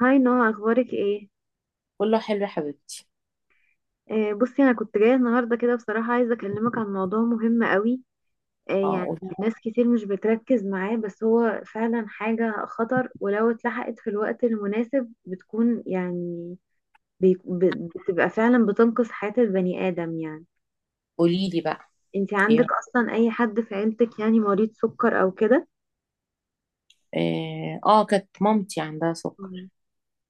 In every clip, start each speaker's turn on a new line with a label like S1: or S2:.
S1: هاي نهى، اخبارك ايه؟
S2: كله حلو يا حبيبتي.
S1: بصي انا كنت جايه النهارده كده بصراحه، عايزه اكلمك عن موضوع مهم قوي. آه يعني
S2: اه،
S1: ناس كتير مش بتركز معاه، بس هو فعلا حاجه خطر، ولو اتلحقت في الوقت المناسب بتكون يعني بتبقى فعلا بتنقذ حياه البني ادم يعني.
S2: قولي لي بقى
S1: انتي عندك
S2: ايه.
S1: اصلا اي حد في عيلتك يعني مريض سكر او كده؟
S2: اه، كانت مامتي عندها
S1: مم.
S2: سكر.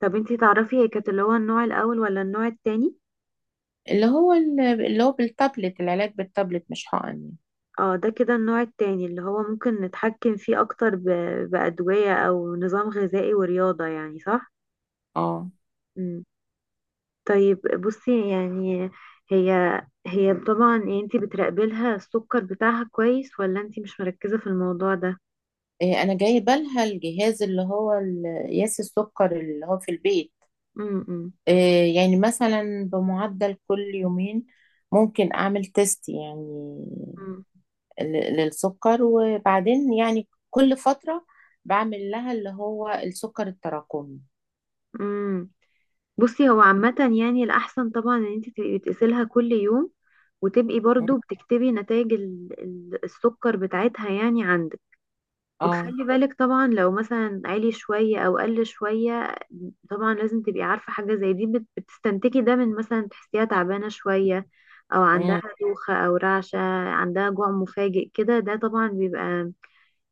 S1: طب انتي تعرفي هي كانت اللي هو النوع الاول ولا النوع التاني؟
S2: اللي هو بالتابلت، العلاج بالتابلت مش حقن يعني.
S1: اه، ده كده النوع التاني اللي هو ممكن نتحكم فيه اكتر بأدوية او نظام غذائي ورياضة، يعني صح؟
S2: اه،
S1: مم. طيب بصي يعني هي هي طبعا يعني انتي بتراقبي لها السكر بتاعها كويس ولا انتي مش مركزة في الموضوع ده؟
S2: إيه، انا جايبه لها الجهاز قياس السكر اللي هو في البيت.
S1: امم.
S2: إيه، يعني مثلا بمعدل كل يومين ممكن اعمل تيست يعني للسكر، وبعدين يعني كل فتره بعمل لها اللي هو السكر التراكمي.
S1: امم. بصي هو عامة يعني الأحسن طبعا ان انتي تبقي بتقيسيلها كل يوم، وتبقي برضو بتكتبي نتائج السكر بتاعتها يعني عندك.
S2: اه،
S1: وتخلي بالك طبعا لو مثلا عالي شوية او قل شوية، طبعا لازم تبقي عارفة حاجة زي دي. بتستنتجي ده من مثلا تحسيها تعبانة شوية، او عندها
S2: آه.
S1: دوخة او رعشة، عندها جوع مفاجئ كده. ده طبعا بيبقى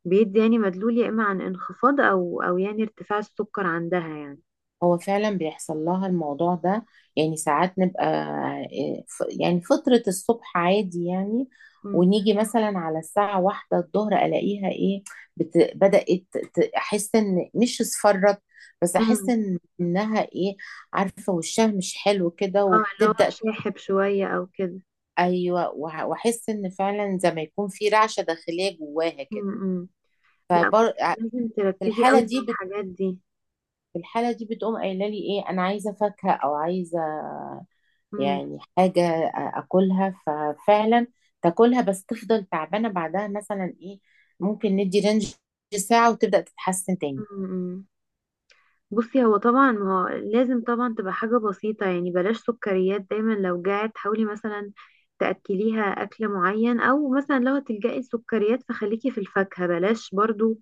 S1: بيدي يعني مدلول، يا اما عن انخفاض او يعني ارتفاع السكر عندها يعني.
S2: هو فعلا بيحصل لها الموضوع ده، يعني ساعات نبقى يعني فترة الصبح عادي يعني،
S1: امم.
S2: ونيجي مثلا على الساعة واحدة الظهر ألاقيها إيه، بت... بدأت ت- أحس إن مش اصفرت، بس أحس
S1: امم.
S2: إنها إيه، عارفة وشها مش حلو كده
S1: اه، اللي هو
S2: وبتبدأ.
S1: شاحب شوية او كده.
S2: أيوه، وأحس إن فعلا زي ما يكون في رعشة داخلية جواها كده.
S1: امم. لا،
S2: فبر...
S1: بصي
S2: آه،
S1: لازم
S2: في
S1: تركزي
S2: الحالة
S1: قوي مع
S2: دي
S1: الحاجات دي.
S2: في الحالة دي بتقوم قايلة لي إيه، أنا عايزة فاكهة أو عايزة
S1: امم.
S2: يعني حاجة أكلها. ففعلا تاكلها، بس تفضل تعبانة بعدها، مثلا إيه ممكن ندي رينج ساعة وتبدأ تتحسن تاني.
S1: امم. بصي هو طبعا ما هو لازم طبعا تبقى حاجة بسيطة، يعني بلاش سكريات. دايما لو جعت حاولي مثلا تأكليها أكل معين، أو مثلا لو هتلجأي السكريات فخليكي في الفاكهة، بلاش برضو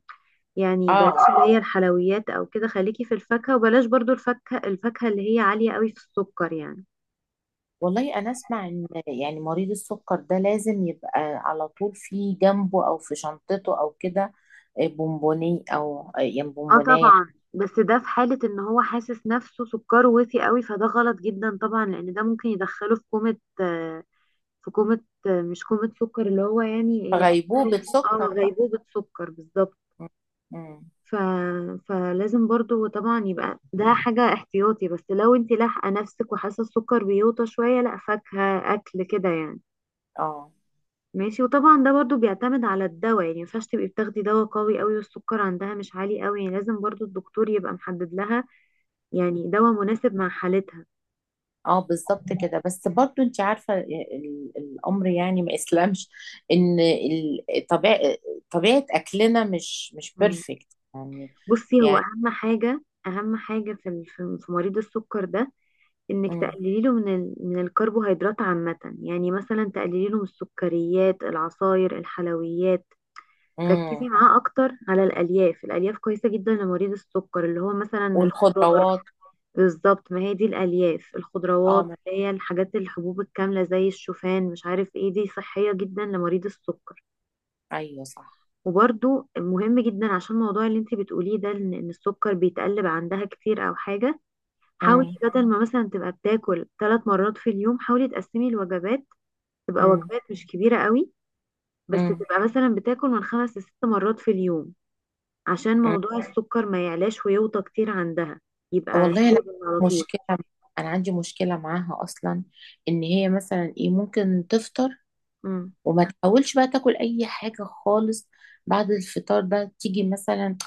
S1: يعني بلاش
S2: آه،
S1: اللي هي الحلويات أو كده، خليكي في الفاكهة، وبلاش برضو الفاكهة، الفاكهة اللي هي عالية قوي في السكر يعني.
S2: والله أنا أسمع إن يعني مريض السكر ده لازم يبقى على طول في جنبه أو في شنطته أو كده بونبوني أو يعني
S1: اه
S2: بونبوناية.
S1: طبعا، بس ده في حالة ان هو حاسس نفسه سكره وطي قوي، فده غلط جدا طبعا، لأن ده ممكن يدخله في كومة، في كومة، مش كومة سكر اللي هو يعني يحسسك.
S2: غيبوبة
S1: اه،
S2: سكر بقى.
S1: غيبوبة سكر بالظبط.
S2: م- م.
S1: ف... فلازم برضو طبعا يبقى ده حاجة احتياطي، بس لو انت لاحقة نفسك وحاسة السكر بيوطى شوية، لا، فاكهة، أكل كده يعني.
S2: آه،
S1: ماشي. وطبعا ده برضو بيعتمد على الدواء، يعني مينفعش تبقي بتاخدي دواء قوي قوي والسكر عندها مش عالي قوي، يعني لازم برضو الدكتور يبقى محدد لها يعني دواء مناسب مع حالتها.
S2: اه بالظبط كده. بس برضو انت عارفة الامر، يعني ما اسلمش ان طبيعة اكلنا مش
S1: مم.
S2: بيرفكت يعني.
S1: بصي هو
S2: يعني.
S1: أهم حاجة، أهم حاجة في ال- في في مريض السكر ده، انك
S2: مم.
S1: تقللي له من الكربوهيدرات عامة، يعني مثلا تقللي له من السكريات، العصاير، الحلويات. ركزي
S2: مم.
S1: معاه اكتر على الالياف، الالياف كويسة جدا لمريض السكر، اللي هو مثلا الخضار.
S2: والخضروات.
S1: بالظبط، ما هي دي الالياف،
S2: اه،
S1: الخضروات اللي هي الحاجات، الحبوب الكاملة زي الشوفان، مش عارف ايه، دي صحية جدا لمريض السكر.
S2: ايوه صح.
S1: وبرده مهم جدا عشان الموضوع اللي انت بتقوليه ده، ان إن السكر بيتقلب عندها كتير او حاجة، حاولي
S2: مم.
S1: بدل ما مثلا تبقى بتاكل 3 مرات في اليوم، حاولي تقسمي الوجبات. تبقى
S2: مم.
S1: وجبات مش كبيرة قوي، بس
S2: مم.
S1: تبقى مثلا بتاكل من خمس لست مرات في اليوم، عشان
S2: مم.
S1: موضوع السكر ما يعلاش ويوطى كتير عندها، يبقى
S2: والله انا،
S1: ستيبل على طول.
S2: مشكلة انا عندي مشكلة معاها اصلا، ان هي مثلا ايه ممكن تفطر
S1: مم.
S2: وما تحاولش بقى تاكل اي حاجة خالص. بعد الفطار ده تيجي مثلا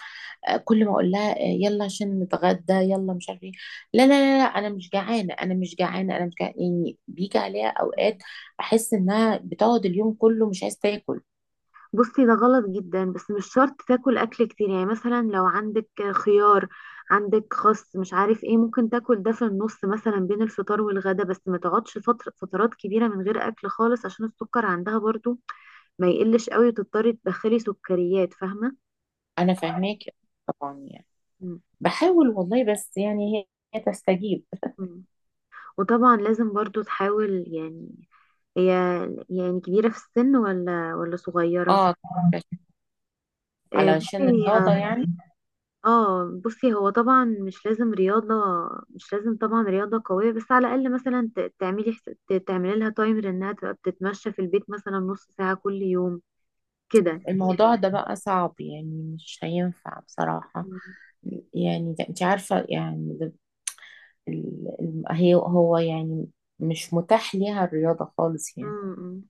S2: كل ما اقول لها يلا عشان نتغدى، يلا مش عارف ايه، لا لا لا لا انا مش جعانه، انا مش جعانه، انا مش جعانه، يعني بيجي عليها اوقات احس انها بتقعد اليوم كله مش عايزه تاكل.
S1: بصي ده غلط جدا، بس مش شرط تاكل اكل كتير، يعني مثلا لو عندك خيار، عندك خس، مش عارف ايه، ممكن تاكل ده في النص مثلا بين الفطار والغدا، بس ما تقعدش فترات كبيرة من غير اكل خالص، عشان السكر عندها برضو ما يقلش قوي وتضطري تدخلي سكريات، فاهمة؟
S2: انا فاهماك، طبعا يعني
S1: مم.
S2: بحاول والله، بس يعني هي تستجيب.
S1: مم. وطبعا لازم برضو تحاول يعني، هي يعني كبيرة في السن ولا صغيرة؟
S2: اه، علشان
S1: بصي
S2: الرياضه
S1: هي.
S2: يعني.
S1: اه، بصي هو طبعا مش لازم رياضة، مش لازم طبعا رياضة قوية، بس على الأقل مثلا تعملي لها تايمر انها تبقى بتتمشى في البيت مثلا نص ساعة كل يوم كده.
S2: الموضوع ده بقى صعب يعني، مش هينفع بصراحه،
S1: مم.
S2: يعني انت عارفه، يعني هو يعني مش متاح ليها الرياضه خالص يعني.
S1: مم.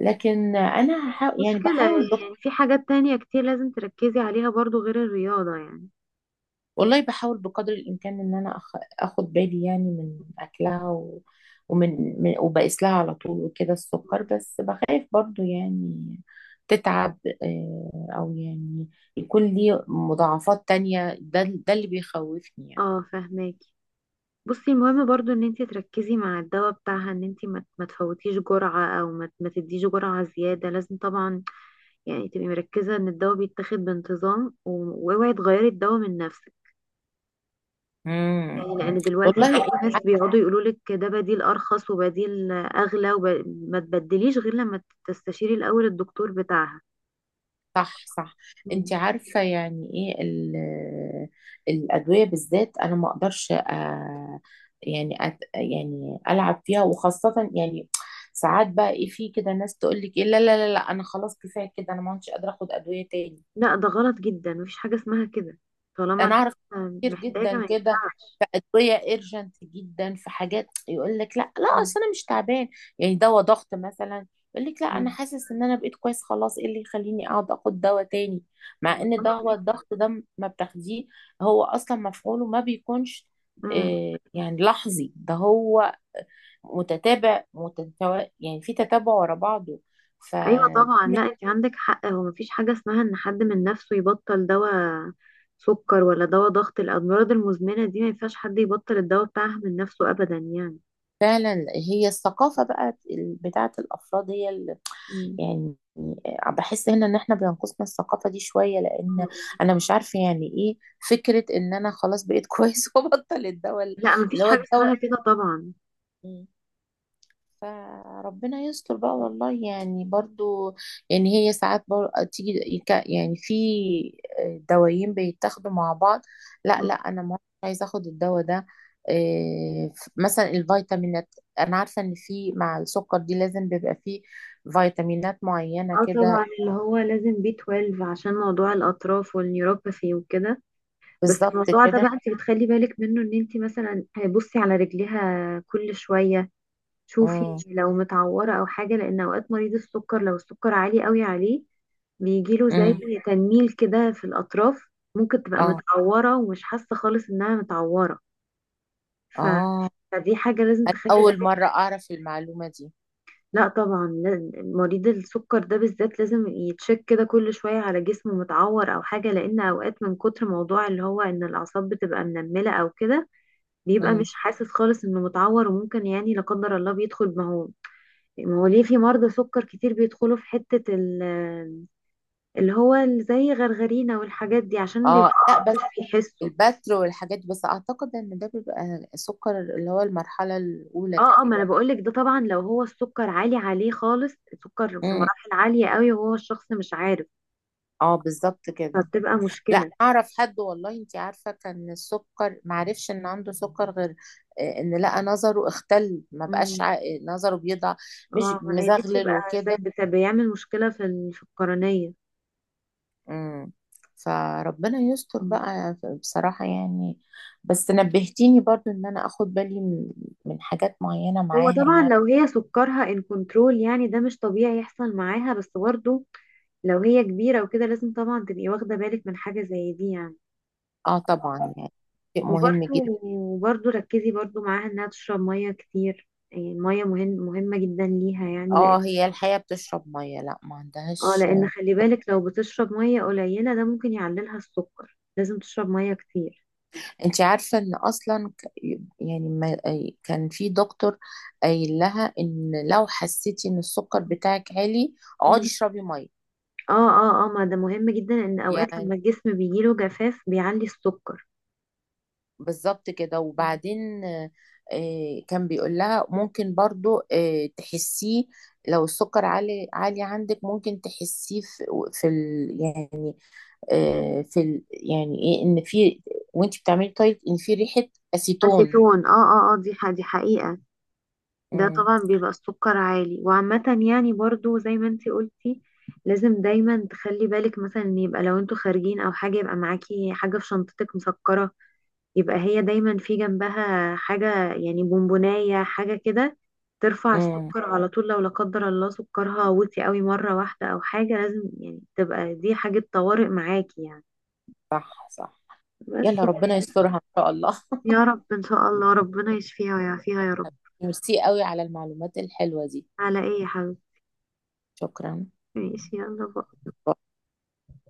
S2: لكن انا
S1: مش
S2: هحاول، يعني
S1: مشكلة، يعني في حاجات تانية كتير لازم تركزي عليها برضو غير الرياضة يعني.
S2: والله بحاول بقدر الامكان ان انا اخد بالي يعني من اكلها وبقيس لها على طول وكده السكر، بس بخاف برضو يعني تتعب، او يعني يكون لي مضاعفات تانية. ده اللي بيخوفني يعني.
S1: اه، فهماكي. بصي المهم برضو ان انتي تركزي مع الدواء بتاعها، ان انتي ما تفوتيش جرعة، او ما تديش جرعة زيادة. لازم طبعا يعني تبقي مركزة ان الدواء بيتاخد بانتظام، و- واوعي تغيري الدواء من نفسك،
S2: مم.
S1: يعني لان دلوقتي بقى
S2: والله،
S1: في ناس بيقعدوا يقولولك ده بديل ارخص وبديل اغلى، وما تبدليش غير لما تستشيري الاول الدكتور بتاعها.
S2: صح صح. انت
S1: مم.
S2: عارفة يعني ايه الأدوية بالذات. انا ما اقدرش، يعني يعني العب فيها، وخاصة يعني ساعات بقى ايه، في كده ناس تقول لك ايه، لا لا لا لا انا خلاص كفاية كده، انا ما عدتش قادرة اخد أدوية تاني.
S1: لا، ده غلط جدا، مفيش حاجة اسمها كده. طالما
S2: انا
S1: الحاجة
S2: اعرف كتير
S1: محتاجة
S2: جدا
S1: ما
S2: كده.
S1: ينفعش.
S2: في ادويه ايرجنت جدا، في حاجات يقول لك لا لا
S1: مم.
S2: اصل انا مش تعبان. يعني دواء ضغط مثلا، يقول لك لا انا
S1: مم.
S2: حاسس ان انا بقيت كويس خلاص، ايه اللي يخليني اقعد اخد دواء تاني. مع ان
S1: غلط
S2: دواء
S1: جدا.
S2: الضغط ده ما بتاخديه هو اصلا مفعوله ما بيكونش،
S1: مم.
S2: يعني لحظي، ده هو متتابع، يعني في تتابع ورا بعضه
S1: ايوه طبعا،
S2: ففعلا.
S1: لا، انت عندك حق، هو مفيش حاجه اسمها ان حد من نفسه يبطل دواء سكر ولا دواء ضغط. الامراض المزمنه دي ما ينفعش حد يبطل الدواء بتاعها من نفسه ابدا يعني.
S2: هي الثقافة بقى بتاعت الأفراد، هي
S1: مم.
S2: يعني، بحس هنا ان احنا بينقصنا الثقافة دي شوية، لان انا مش عارفة يعني ايه فكرة ان انا خلاص بقيت كويس وبطل الدواء،
S1: لا،
S2: اللي
S1: مفيش
S2: هو
S1: حاجه اسمها
S2: الدواء.
S1: كده طبعا.
S2: مم. فربنا يستر بقى والله، يعني برضو يعني هي ساعات برضو تيجي يعني في، دوايين بيتاخدوا مع بعض، لا
S1: مم.
S2: لا انا ما عايزه اخد الدواء ده. إيه، مثلا الفيتامينات انا عارفه ان في مع السكر دي لازم بيبقى فيه فيتامينات معينه
S1: اه
S2: كده.
S1: طبعا، اللي هو لازم بي B12 عشان موضوع الاطراف والنيوروباثي وكده. بس
S2: بالظبط
S1: الموضوع ده
S2: كده.
S1: بقى انت بتخلي بالك منه، ان انت مثلا بصي على رجليها كل شويه، شوفي
S2: امم،
S1: لو متعورة أو حاجة، لأن أوقات مريض السكر لو السكر عالي قوي عليه بيجيله زي
S2: امم،
S1: تنميل كده في الأطراف. ممكن تبقى
S2: اه،
S1: متعورة ومش حاسة خالص إنها متعورة. ف...
S2: اه،
S1: فدي حاجة لازم
S2: انا
S1: تخلي
S2: اول مره
S1: بالك.
S2: اعرف المعلومه دي.
S1: لا طبعا، مريض السكر ده بالذات لازم يتشك كده كل شوية على جسمه، متعور أو حاجة، لأن أوقات من كتر موضوع اللي هو إن الأعصاب بتبقى منملة أو كده، بيبقى
S2: امم.
S1: مش حاسس خالص إنه متعور. وممكن يعني لا قدر الله بيدخل، ما هو، ما هو ليه في مرضى سكر كتير بيدخلوا في حتة زي غرغرينا والحاجات دي، عشان بيبقوا
S2: اه لا، بس
S1: مش بيحسوا.
S2: البتر والحاجات دي، بس اعتقد ان ده بيبقى سكر اللي هو المرحله الاولى
S1: اه اه ما انا
S2: تقريبا.
S1: بقولك ده طبعا لو هو السكر عالي عليه خالص، السكر في
S2: امم.
S1: مراحل عالية قوي، وهو الشخص مش عارف،
S2: اه بالظبط كده.
S1: فبتبقى
S2: لا
S1: مشكلة.
S2: اعرف حد والله، انت عارفه كان السكر معرفش ان عنده سكر غير ان لقى نظره اختل ما بقاش
S1: امم.
S2: نظره بيضع، مش
S1: طبعا ما هي دي
S2: مزغلل
S1: بتبقى زي
S2: وكده.
S1: بيعمل مشكلة في ال- في القرنية.
S2: امم. فربنا يستر
S1: مم.
S2: بقى بصراحة يعني. بس نبهتيني برضو ان انا اخد بالي من حاجات معينة
S1: هو
S2: معاها
S1: طبعا
S2: يعني.
S1: لو هي سكرها ان كنترول يعني ده مش طبيعي يحصل معاها، بس برضه لو هي كبيرة وكده لازم طبعا تبقي واخدة بالك من حاجة زي دي يعني.
S2: اه طبعا يعني، شيء مهم
S1: وبرده،
S2: جدا.
S1: وبرده ركزي برده معاها انها تشرب ميه كتير، يعني الميه مهم مهمه جدا ليها يعني، لان
S2: اه هي الحياة بتشرب مية، لا ما
S1: اه،
S2: عندهاش.
S1: لان خلي بالك لو بتشرب ميه قليله ده ممكن يعللها السكر، لازم تشرب ميه كتير.
S2: انت عارفة ان اصلا يعني ما كان في دكتور قايل لها ان لو حسيتي ان السكر بتاعك عالي اقعدي
S1: مم.
S2: اشربي مية
S1: اه اه اه، ما ده مهم جدا، ان اوقات
S2: يعني.
S1: لما الجسم بيجيله جفاف بيعلي السكر.
S2: بالظبط كده،
S1: مم.
S2: وبعدين كان بيقول لها ممكن برضو تحسيه. لو السكر عالي عالي عندك ممكن تحسيه في ال يعني، في ال يعني ايه، ان في وانت بتعملي دايت ان في ريحة اسيتون.
S1: اسيتون، اه اه اه، دي حقيقه. ده
S2: امم،
S1: طبعا بيبقى السكر عالي. وعامة يعني برضو زي ما انتي قلتي، لازم دايما تخلي بالك مثلا ان يبقى لو انتوا خارجين او حاجة، يبقى معاكي حاجة في شنطتك مسكرة، يبقى هي دايما في جنبها حاجة يعني بونبوناية، حاجة كده ترفع
S2: امم.
S1: السكر على طول، لو لا قدر الله سكرها وطي قوي مرة واحدة او حاجة. لازم يعني تبقى دي حاجة طوارئ معاكي يعني،
S2: صح صح.
S1: بس.
S2: يلا ربنا يسترها ان شاء الله.
S1: يا رب ان شاء الله ربنا يشفيها ويعافيها يا رب.
S2: ميرسي قوي على المعلومات الحلوة دي.
S1: على ايه يا حبيبتي؟
S2: شكرا.
S1: ماشي، يلا باي.